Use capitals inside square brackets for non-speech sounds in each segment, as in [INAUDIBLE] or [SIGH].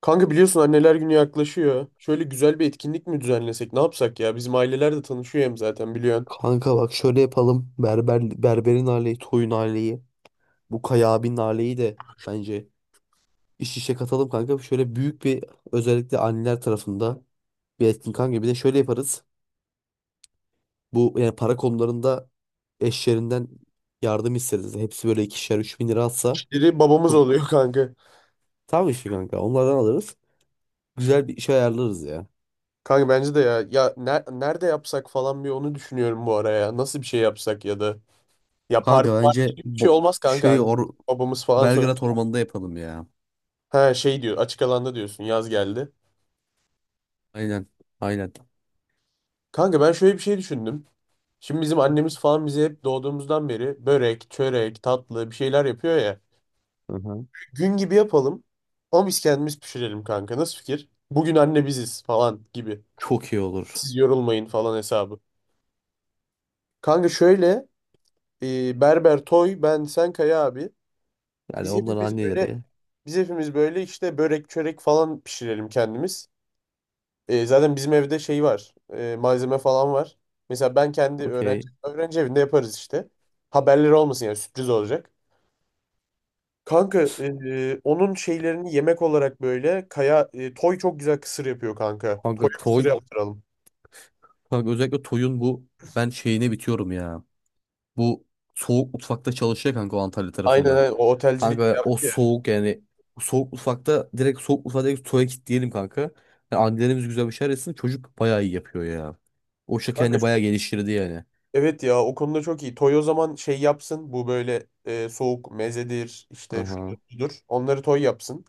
Kanka biliyorsun anneler günü yaklaşıyor. Şöyle güzel bir etkinlik mi düzenlesek? Ne yapsak ya? Bizim aileler de tanışıyor hem zaten biliyorsun. Kanka bak şöyle yapalım. Berber, berberin aileyi, toyun aileyi, bu Kaya abinin aileyi de bence iş işe katalım kanka. Şöyle büyük bir özellikle anneler tarafında bir etkin kanka. Bir de şöyle yaparız. Bu yani para konularında eşlerinden yardım isteriz. Hepsi böyle ikişer, 3.000 lira atsa Biri babamız çok oluyor [LAUGHS] kanka. tam işi kanka. Onlardan alırız. Güzel bir iş ayarlarız ya. Kanka bence de ya. Ya nerede yapsak falan bir onu düşünüyorum bu araya. Nasıl bir şey yapsak ya da. Ya Kanka parti parti bence gibi bir şey bo- olmaz kanka. şey Anne, or babamız falan sonra. Belgrad Ormanı'nda yapalım ya. Ha şey diyor, açık alanda diyorsun, yaz geldi. Aynen. Aynen. Kanka ben şöyle bir şey düşündüm. Şimdi bizim annemiz falan bize hep doğduğumuzdan beri börek, çörek, tatlı bir şeyler yapıyor ya. Hı hı. Gün gibi yapalım. Ama biz kendimiz pişirelim kanka. Nasıl fikir? Bugün anne biziz falan gibi. Çok iyi olur. Siz yorulmayın falan hesabı. Kanka şöyle Berber Toy ben sen Kaya abi. Yani Biz onların hepimiz böyle anneleri. biz hepimiz böyle işte börek çörek falan pişirelim kendimiz. Zaten bizim evde şey var. Malzeme falan var. Mesela ben kendi Okey. öğrenci evinde yaparız işte. Haberleri olmasın, yani sürpriz olacak. Kanka onun şeylerini yemek olarak böyle Kaya, Toy çok güzel kısır yapıyor kanka. Kanka Toy'a kısır Toy. yaptıralım. Kanka özellikle Toy'un bu ben şeyine bitiyorum ya. Bu soğuk mutfakta çalışıyor kanka o Antalya Aynen tarafında. aynen, o otelcilik bir Kanka o yaptı ya. soğuk yani soğuk mutfakta direkt Toy'a kilitleyelim kanka. Yani annelerimiz güzel bir şeyler etsin. Çocuk bayağı iyi yapıyor ya. O işte Kanka kendini bayağı geliştirdi yani. evet ya, o konuda çok iyi. Toy o zaman şey yapsın, bu böyle soğuk mezedir işte, şudur Aha. budur. Onları Toy yapsın.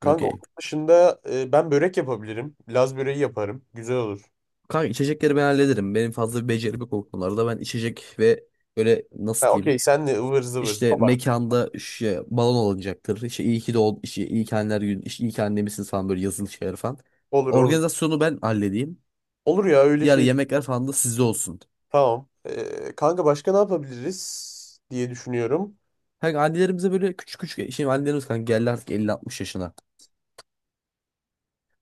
Kanka onun Okey. dışında ben börek yapabilirim. Laz böreği yaparım. Güzel olur. Kanka içecekleri ben hallederim. Benim fazla bir becerim yok o konularda. Ben içecek ve böyle Ha nasıl diyeyim. okey, sen de ıvır zıvır. İşte mekanda şey, balon alınacaktır. İşte iyi ki de ol, işte iyi ki anneler günü, işte iyi ki annemişsiniz falan böyle yazılı şeyler falan. Olur olur. Organizasyonu ben halledeyim. Olur ya öyle Diğer şey. yemekler falan da sizde olsun. Tamam. Kanka başka ne yapabiliriz diye düşünüyorum. Kanka annelerimize böyle küçük küçük şimdi annelerimiz kanka geldi artık 50 60 yaşına.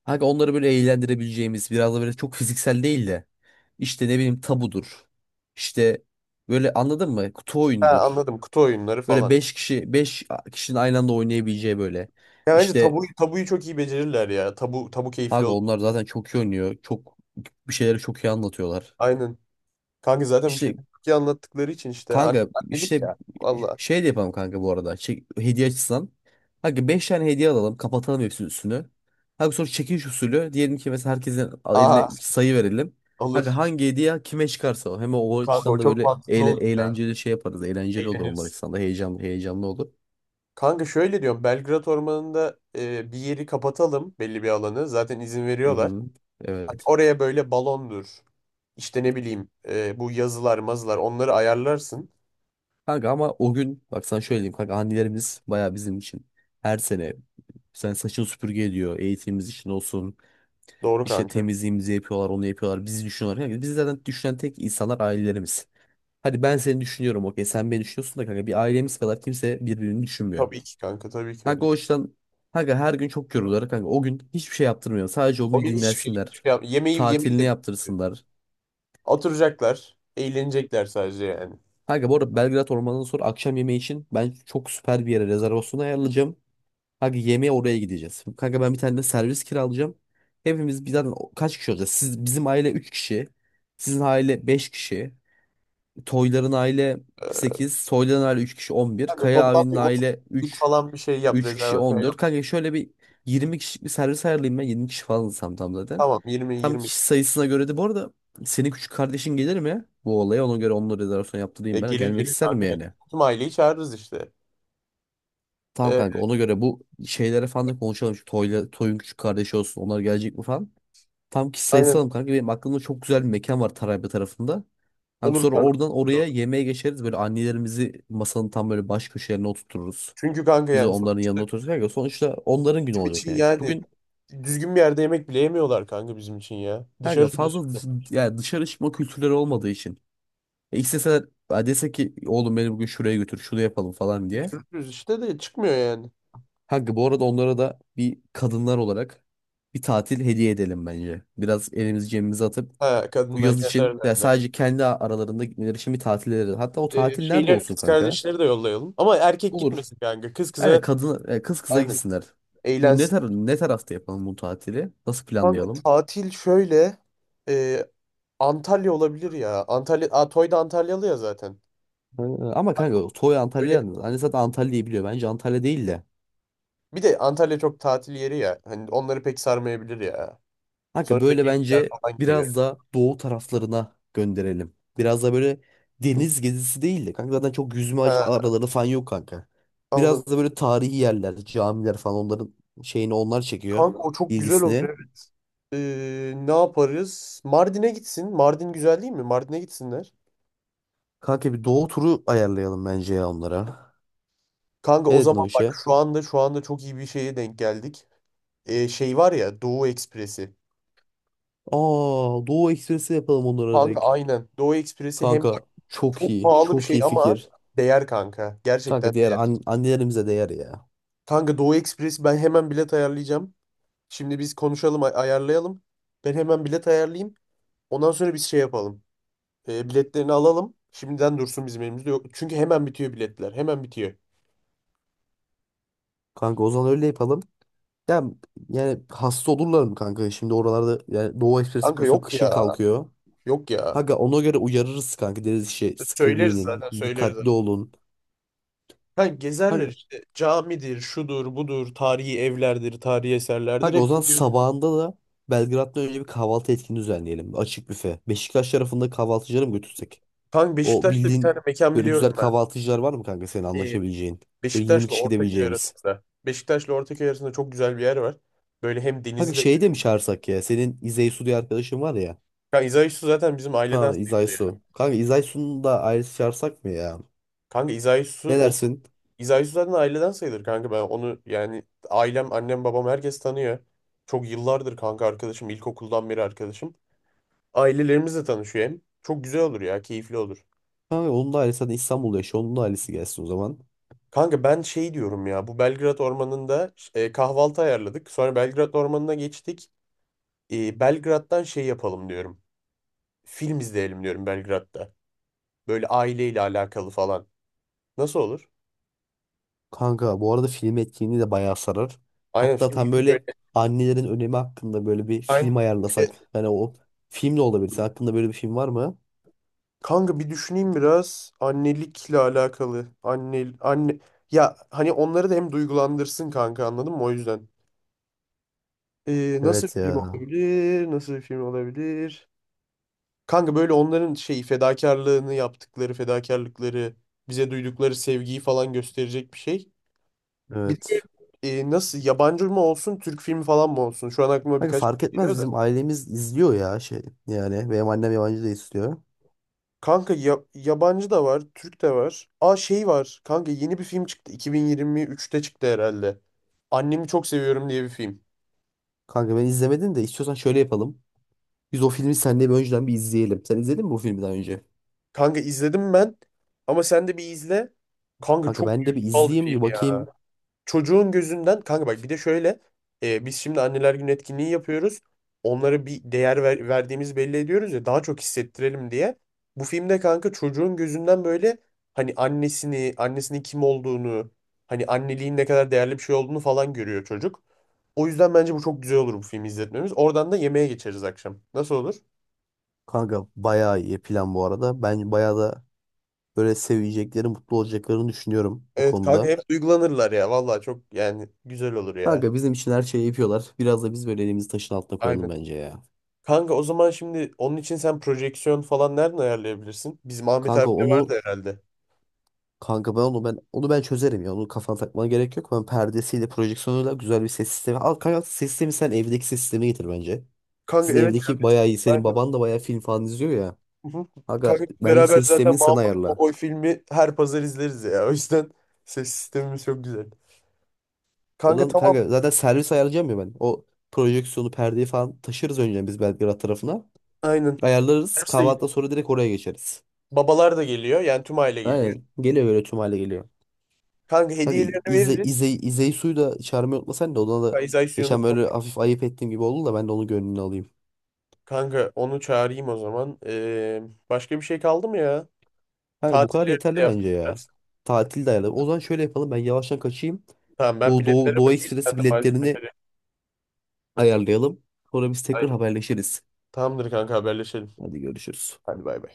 Kanka onları böyle eğlendirebileceğimiz biraz da böyle çok fiziksel değil de işte ne bileyim tabudur. İşte böyle anladın mı? Kutu Ha oyunudur. anladım. Kutu oyunları Böyle falan. 5 kişinin aynı anda oynayabileceği böyle. Ya bence İşte tabu, tabuyu çok iyi becerirler ya. Tabu tabu keyifli kanka olur. onlar zaten çok iyi oynuyor. Çok bir şeyleri çok iyi anlatıyorlar. Aynen. Kanka zaten bir şeyler İşte çok iyi anlattıkları için işte kanka annelik işte ya. Vallahi. şey de yapalım kanka bu arada. Çek, hediye açısından. Kanka 5 tane hediye alalım. Kapatalım hepsinin üstünü. Kanka sonra çekiliş usulü. Diyelim ki mesela herkesin eline Aa sayı verelim. Kanka olur. hangi hediye kime çıkarsa o. Hem o Kanka o açıdan da çok böyle mantıklı oldu ya. eğlenceli şey yaparız. Eğlenceli olur onlar Eğleniriz. açısından da. Heyecanlı olur. Kanka şöyle diyorum. Belgrad Ormanı'nda bir yeri kapatalım, belli bir alanı. Zaten izin Hı veriyorlar. hı. Hani Evet. oraya böyle balondur. İşte ne bileyim bu yazılar mazılar, onları ayarlarsın. Kanka ama o gün bak sana şöyle diyeyim kanka annelerimiz baya bizim için her sene sen saçını süpürge ediyor eğitimimiz için olsun Doğru işte kanka. temizliğimizi yapıyorlar onu yapıyorlar bizi düşünüyorlar kanka bizi zaten düşünen tek insanlar ailelerimiz. Hadi ben seni düşünüyorum okey sen beni düşünüyorsun da kanka bir ailemiz kadar kimse birbirini düşünmüyor. Tabii ki kanka, tabii ki Kanka öyle. o yüzden kanka her gün çok yoruluyorlar kanka o gün hiçbir şey yaptırmıyor sadece o O gün gün hiçbir şey, dinlensinler hiçbir şey yemeği tatilini de yaptırsınlar. oturacaklar. Eğlenecekler sadece yani. Kanka bu arada Belgrad Ormanı'ndan sonra akşam yemeği için ben çok süper bir yere rezervasyon ayarlayacağım. Kanka yemeğe oraya gideceğiz. Kanka ben bir tane de servis kiralayacağım. Hepimiz bir zaten kaç kişi olacağız? Siz, bizim aile 3 kişi. Sizin aile 5 kişi. Toyların aile Ee, 8, Soyların aile 3 kişi 11, Kanka Kaya toplam abinin bir 30 aile kişilik falan bir şey yap. 3 kişi Rezervasyon on yap. dört. Kanka şöyle bir 20 kişilik bir servis ayarlayayım ben. 20 kişi falan tam zaten. Tamam 20 Tam 20. kişi sayısına göre de bu arada senin küçük kardeşin gelir mi? Bu olaya ona göre onun rezervasyon Ya yaptırayım ben. gelir Gelmek gelir ister mi kanka. yani? Tüm aileyi çağırırız işte. Tamam Ee, kanka ona göre bu şeylere falan da konuşalım. Şu Toy'un küçük kardeşi olsun. Onlar gelecek mi falan. Tam ki aynen sayısı alalım kanka. Benim aklımda çok güzel bir mekan var Tarabya tarafında. Kanka olur sonra kanka. oradan oraya yemeğe geçeriz. Böyle annelerimizi masanın tam böyle baş köşelerine oturturuz. Çünkü kanka Biz de yani onların yanına otururuz kanka. Sonuçta onların günü bizim olacak için yani. yani Bugün düzgün bir yerde yemek bile yemiyorlar kanka bizim için ya. Dışarı kanka çıkıyoruz, yani dışarı çıkma kültürleri olmadığı için. İsteseler ha, dese ki oğlum beni bugün şuraya götür şunu yapalım falan diye. işte de çıkmıyor yani. Kanka bu arada onlara da bir kadınlar olarak bir tatil hediye edelim bence. Biraz elimizi cebimize atıp Ha, bu kadınlar yaz kendi için ya aralarında. sadece kendi aralarında gitmeleri için bir tatil edelim. Hatta o tatil nerede şeyler, olsun kız kanka? kardeşleri de yollayalım. Ama erkek Olur. gitmesin kanka. Kız Yani kıza, kadın kız kıza aynen, gitsinler. Bu ne eğlensin. tar Ne tarafta yapalım bu tatili? Nasıl Kanka planlayalım? tatil şöyle e, Antalya olabilir ya. Antalya. Aa, Toy da Antalyalı ya zaten. Ama kanka Toy Antalya'ya Böyle yalnız. Anne zaten Antalya'yı biliyor. Bence Antalya değil de. bir de Antalya çok tatil yeri ya. Hani onları pek sarmayabilir ya. Kanka Sonuçta böyle gençler bence falan gidiyor. biraz da doğu taraflarına gönderelim. Biraz da böyle deniz gezisi değil de kanka zaten çok yüzme Ha, araları falan yok kanka. anladım. Biraz da böyle tarihi yerler, camiler falan onların şeyini onlar çekiyor Kanka o çok güzel ilgisini. olur. Ne yaparız? Mardin'e gitsin. Mardin güzel değil mi? Mardin'e gitsinler. Kanka bir doğu turu ayarlayalım bence ya onlara. Kanka Ne o dedin zaman o bak, işe? şu anda şu anda çok iyi bir şeye denk geldik. Şey var ya, Doğu Ekspresi. Aa Doğu Ekspresi yapalım onlara Kanka direkt. aynen. Doğu Ekspresi, hem bak Kanka çok çok iyi, pahalı bir çok şey iyi ama fikir. değer kanka. Gerçekten Kanka diğer değer. Annelerimize değer ya. Kanka Doğu Ekspresi, ben hemen bilet ayarlayacağım. Şimdi biz konuşalım, ayarlayalım. Ben hemen bilet ayarlayayım. Ondan sonra biz şey yapalım. Biletlerini alalım. Şimdiden dursun, bizim elimizde yok. Çünkü hemen bitiyor biletler. Hemen bitiyor. Kanka o zaman öyle yapalım. Ya yani hasta olurlar mı kanka? Şimdi oralarda yani Doğu Ekspresi Kanka yapıyorsun yok ya. kışın kalkıyor. Yok ya. Kanka ona göre uyarırız kanka. Deriz işte sıkı Söyleriz giyinin, zaten, söyleriz. dikkatli olun. Ha, gezerler Kanka, işte, camidir, şudur, budur, tarihi evlerdir, tarihi eserlerdir Kanka o hepsi zaman diyor. sabahında da Belgrad'da önce bir kahvaltı etkinliği düzenleyelim. Açık büfe. Beşiktaş tarafında kahvaltıcıları mı götürsek? Kanka O Beşiktaş'ta bir bildiğin tane mekan böyle biliyorum güzel ben. kahvaltıcılar var mı kanka senin Ee, anlaşabileceğin? Böyle 20 Beşiktaş'la kişi Ortaköy gidebileceğimiz. arasında. Beşiktaş'la Ortaköy arasında çok güzel bir yer var. Böyle hem Kanka denizi de... şeyi de mi çağırsak ya? Senin İzey Su diye arkadaşın var ya. Kanka İzayüzü zaten bizim aileden Ha sayılır İzay yani. Su. Kanka İzay Su'nun da ailesi çağırsak mı ya? Kanka İzayüzü... Ne dersin? İzayüzü zaten aileden sayılır kanka, ben onu yani ailem, annem, babam herkes tanıyor. Çok yıllardır kanka arkadaşım, ilkokuldan beri arkadaşım. Ailelerimizle tanışıyor hem. Çok güzel olur ya, keyifli olur. Kanka onun da ailesi zaten İstanbul'da yaşıyor. Onun da ailesi gelsin o zaman. Kanka ben şey diyorum ya, bu Belgrad Ormanı'nda kahvaltı ayarladık. Sonra Belgrad Ormanı'na geçtik. E, Belgrad'dan şey yapalım diyorum. Film izleyelim diyorum Belgrad'da. Böyle aileyle alakalı falan. Nasıl olur? Kanka bu arada film etkinliği de bayağı sarar. Aynen, Hatta film tam hep böyle. böyle annelerin önemi hakkında böyle bir Aynen. film Bir de... ayarlasak. Hani o film de olabilir. Senin hakkında böyle bir film var mı? Kanka bir düşüneyim biraz. Annelikle alakalı. Anne, anne. Ya hani onları da hem duygulandırsın kanka, anladın mı, o yüzden. Nasıl Evet bir film ya. olabilir? Nasıl bir film olabilir? Kanka böyle onların şeyi, fedakarlığını, yaptıkları fedakarlıkları, bize duydukları sevgiyi falan gösterecek bir şey. Bir de Evet. Nasıl, yabancı mı olsun, Türk filmi falan mı olsun? Şu an aklıma Kanka birkaç fark şey etmez geliyor bizim da. ailemiz izliyor ya şey. Yani benim annem yabancı da istiyor. Kanka yabancı da var, Türk de var. Aa şey var. Kanka yeni bir film çıktı. 2023'te çıktı herhalde. Annemi çok seviyorum diye bir film. Kanka ben izlemedim de istiyorsan şöyle yapalım. Biz o filmi seninle bir önceden bir izleyelim. Sen izledin mi bu filmi daha önce? Kanka izledim ben ama sen de bir izle. Kanka Kanka çok ben de bir duygusal bir izleyeyim film. bir bakayım. Çocuğun gözünden kanka bak, bir de şöyle biz şimdi anneler günü etkinliği yapıyoruz. Onlara bir değer verdiğimizi belli ediyoruz ya, daha çok hissettirelim diye. Bu filmde kanka çocuğun gözünden böyle hani annesini, annesinin kim olduğunu, hani anneliğin ne kadar değerli bir şey olduğunu falan görüyor çocuk. O yüzden bence bu çok güzel olur, bu filmi izletmemiz. Oradan da yemeğe geçeriz akşam. Nasıl olur? Kanka bayağı iyi plan bu arada. Ben bayağı da böyle sevecekleri, mutlu olacaklarını düşünüyorum bu Evet kanka, konuda. hep duygulanırlar ya. Vallahi çok yani, güzel olur ya. Kanka bizim için her şeyi yapıyorlar. Biraz da biz böyle elimizi taşın altına koyalım Aynen. bence ya. Kanka o zaman şimdi onun için sen projeksiyon falan nereden ayarlayabilirsin? Bizim Ahmet Kanka abi de onu vardı herhalde. kanka ben çözerim ya. Onu kafana takmana gerek yok. Ben perdesiyle, projeksiyonuyla güzel bir ses sistemi. Al kanka ses sistemi sen evdeki ses sistemi getir bence. Kanka Sizin evet. Ya, evdeki bayağı iyi. Senin ben- baban da bayağı film falan izliyor ya. hı hı. Kanka Kanka bence beraber ses zaten sistemini sen Mahmut ayarla. Kovboy filmi her pazar izleriz ya. O yüzden ses sistemimiz çok güzel. O Kanka zaman tamam. kanka zaten servis ayarlayacağım ya ben. O projeksiyonu, perdeyi falan taşırız önce biz Belgrad tarafına. Aynen. Ayarlarız. Hepsi de Kahvaltıdan gidiyor. sonra direkt oraya geçeriz. Babalar da geliyor. Yani tüm aile geliyor. Aynen. Geliyor böyle tüm hale geliyor. Kanka Kanka hediyelerini veririz. İzeyi suyu da çağırmayı unutmasan da ona da Kaiser geçen unutma. böyle hafif ayıp ettiğim gibi oldu da ben de onun gönlünü alayım. Kanka onu çağırayım o zaman. Başka bir şey kaldı mı ya? Kanka bu kadar Tatilleri de yeterli bence ya. yapacağız. Tatil de ayarlayalım. O zaman şöyle yapalım ben yavaştan kaçayım. Tamam ben Bu biletlere Doğu bakayım. Sen Ekspresi de biletlerini malzemeleri. ayarlayalım. Sonra biz tekrar Aynen. haberleşiriz. Tamamdır kanka, haberleşelim. Hadi görüşürüz. Hadi bay bay.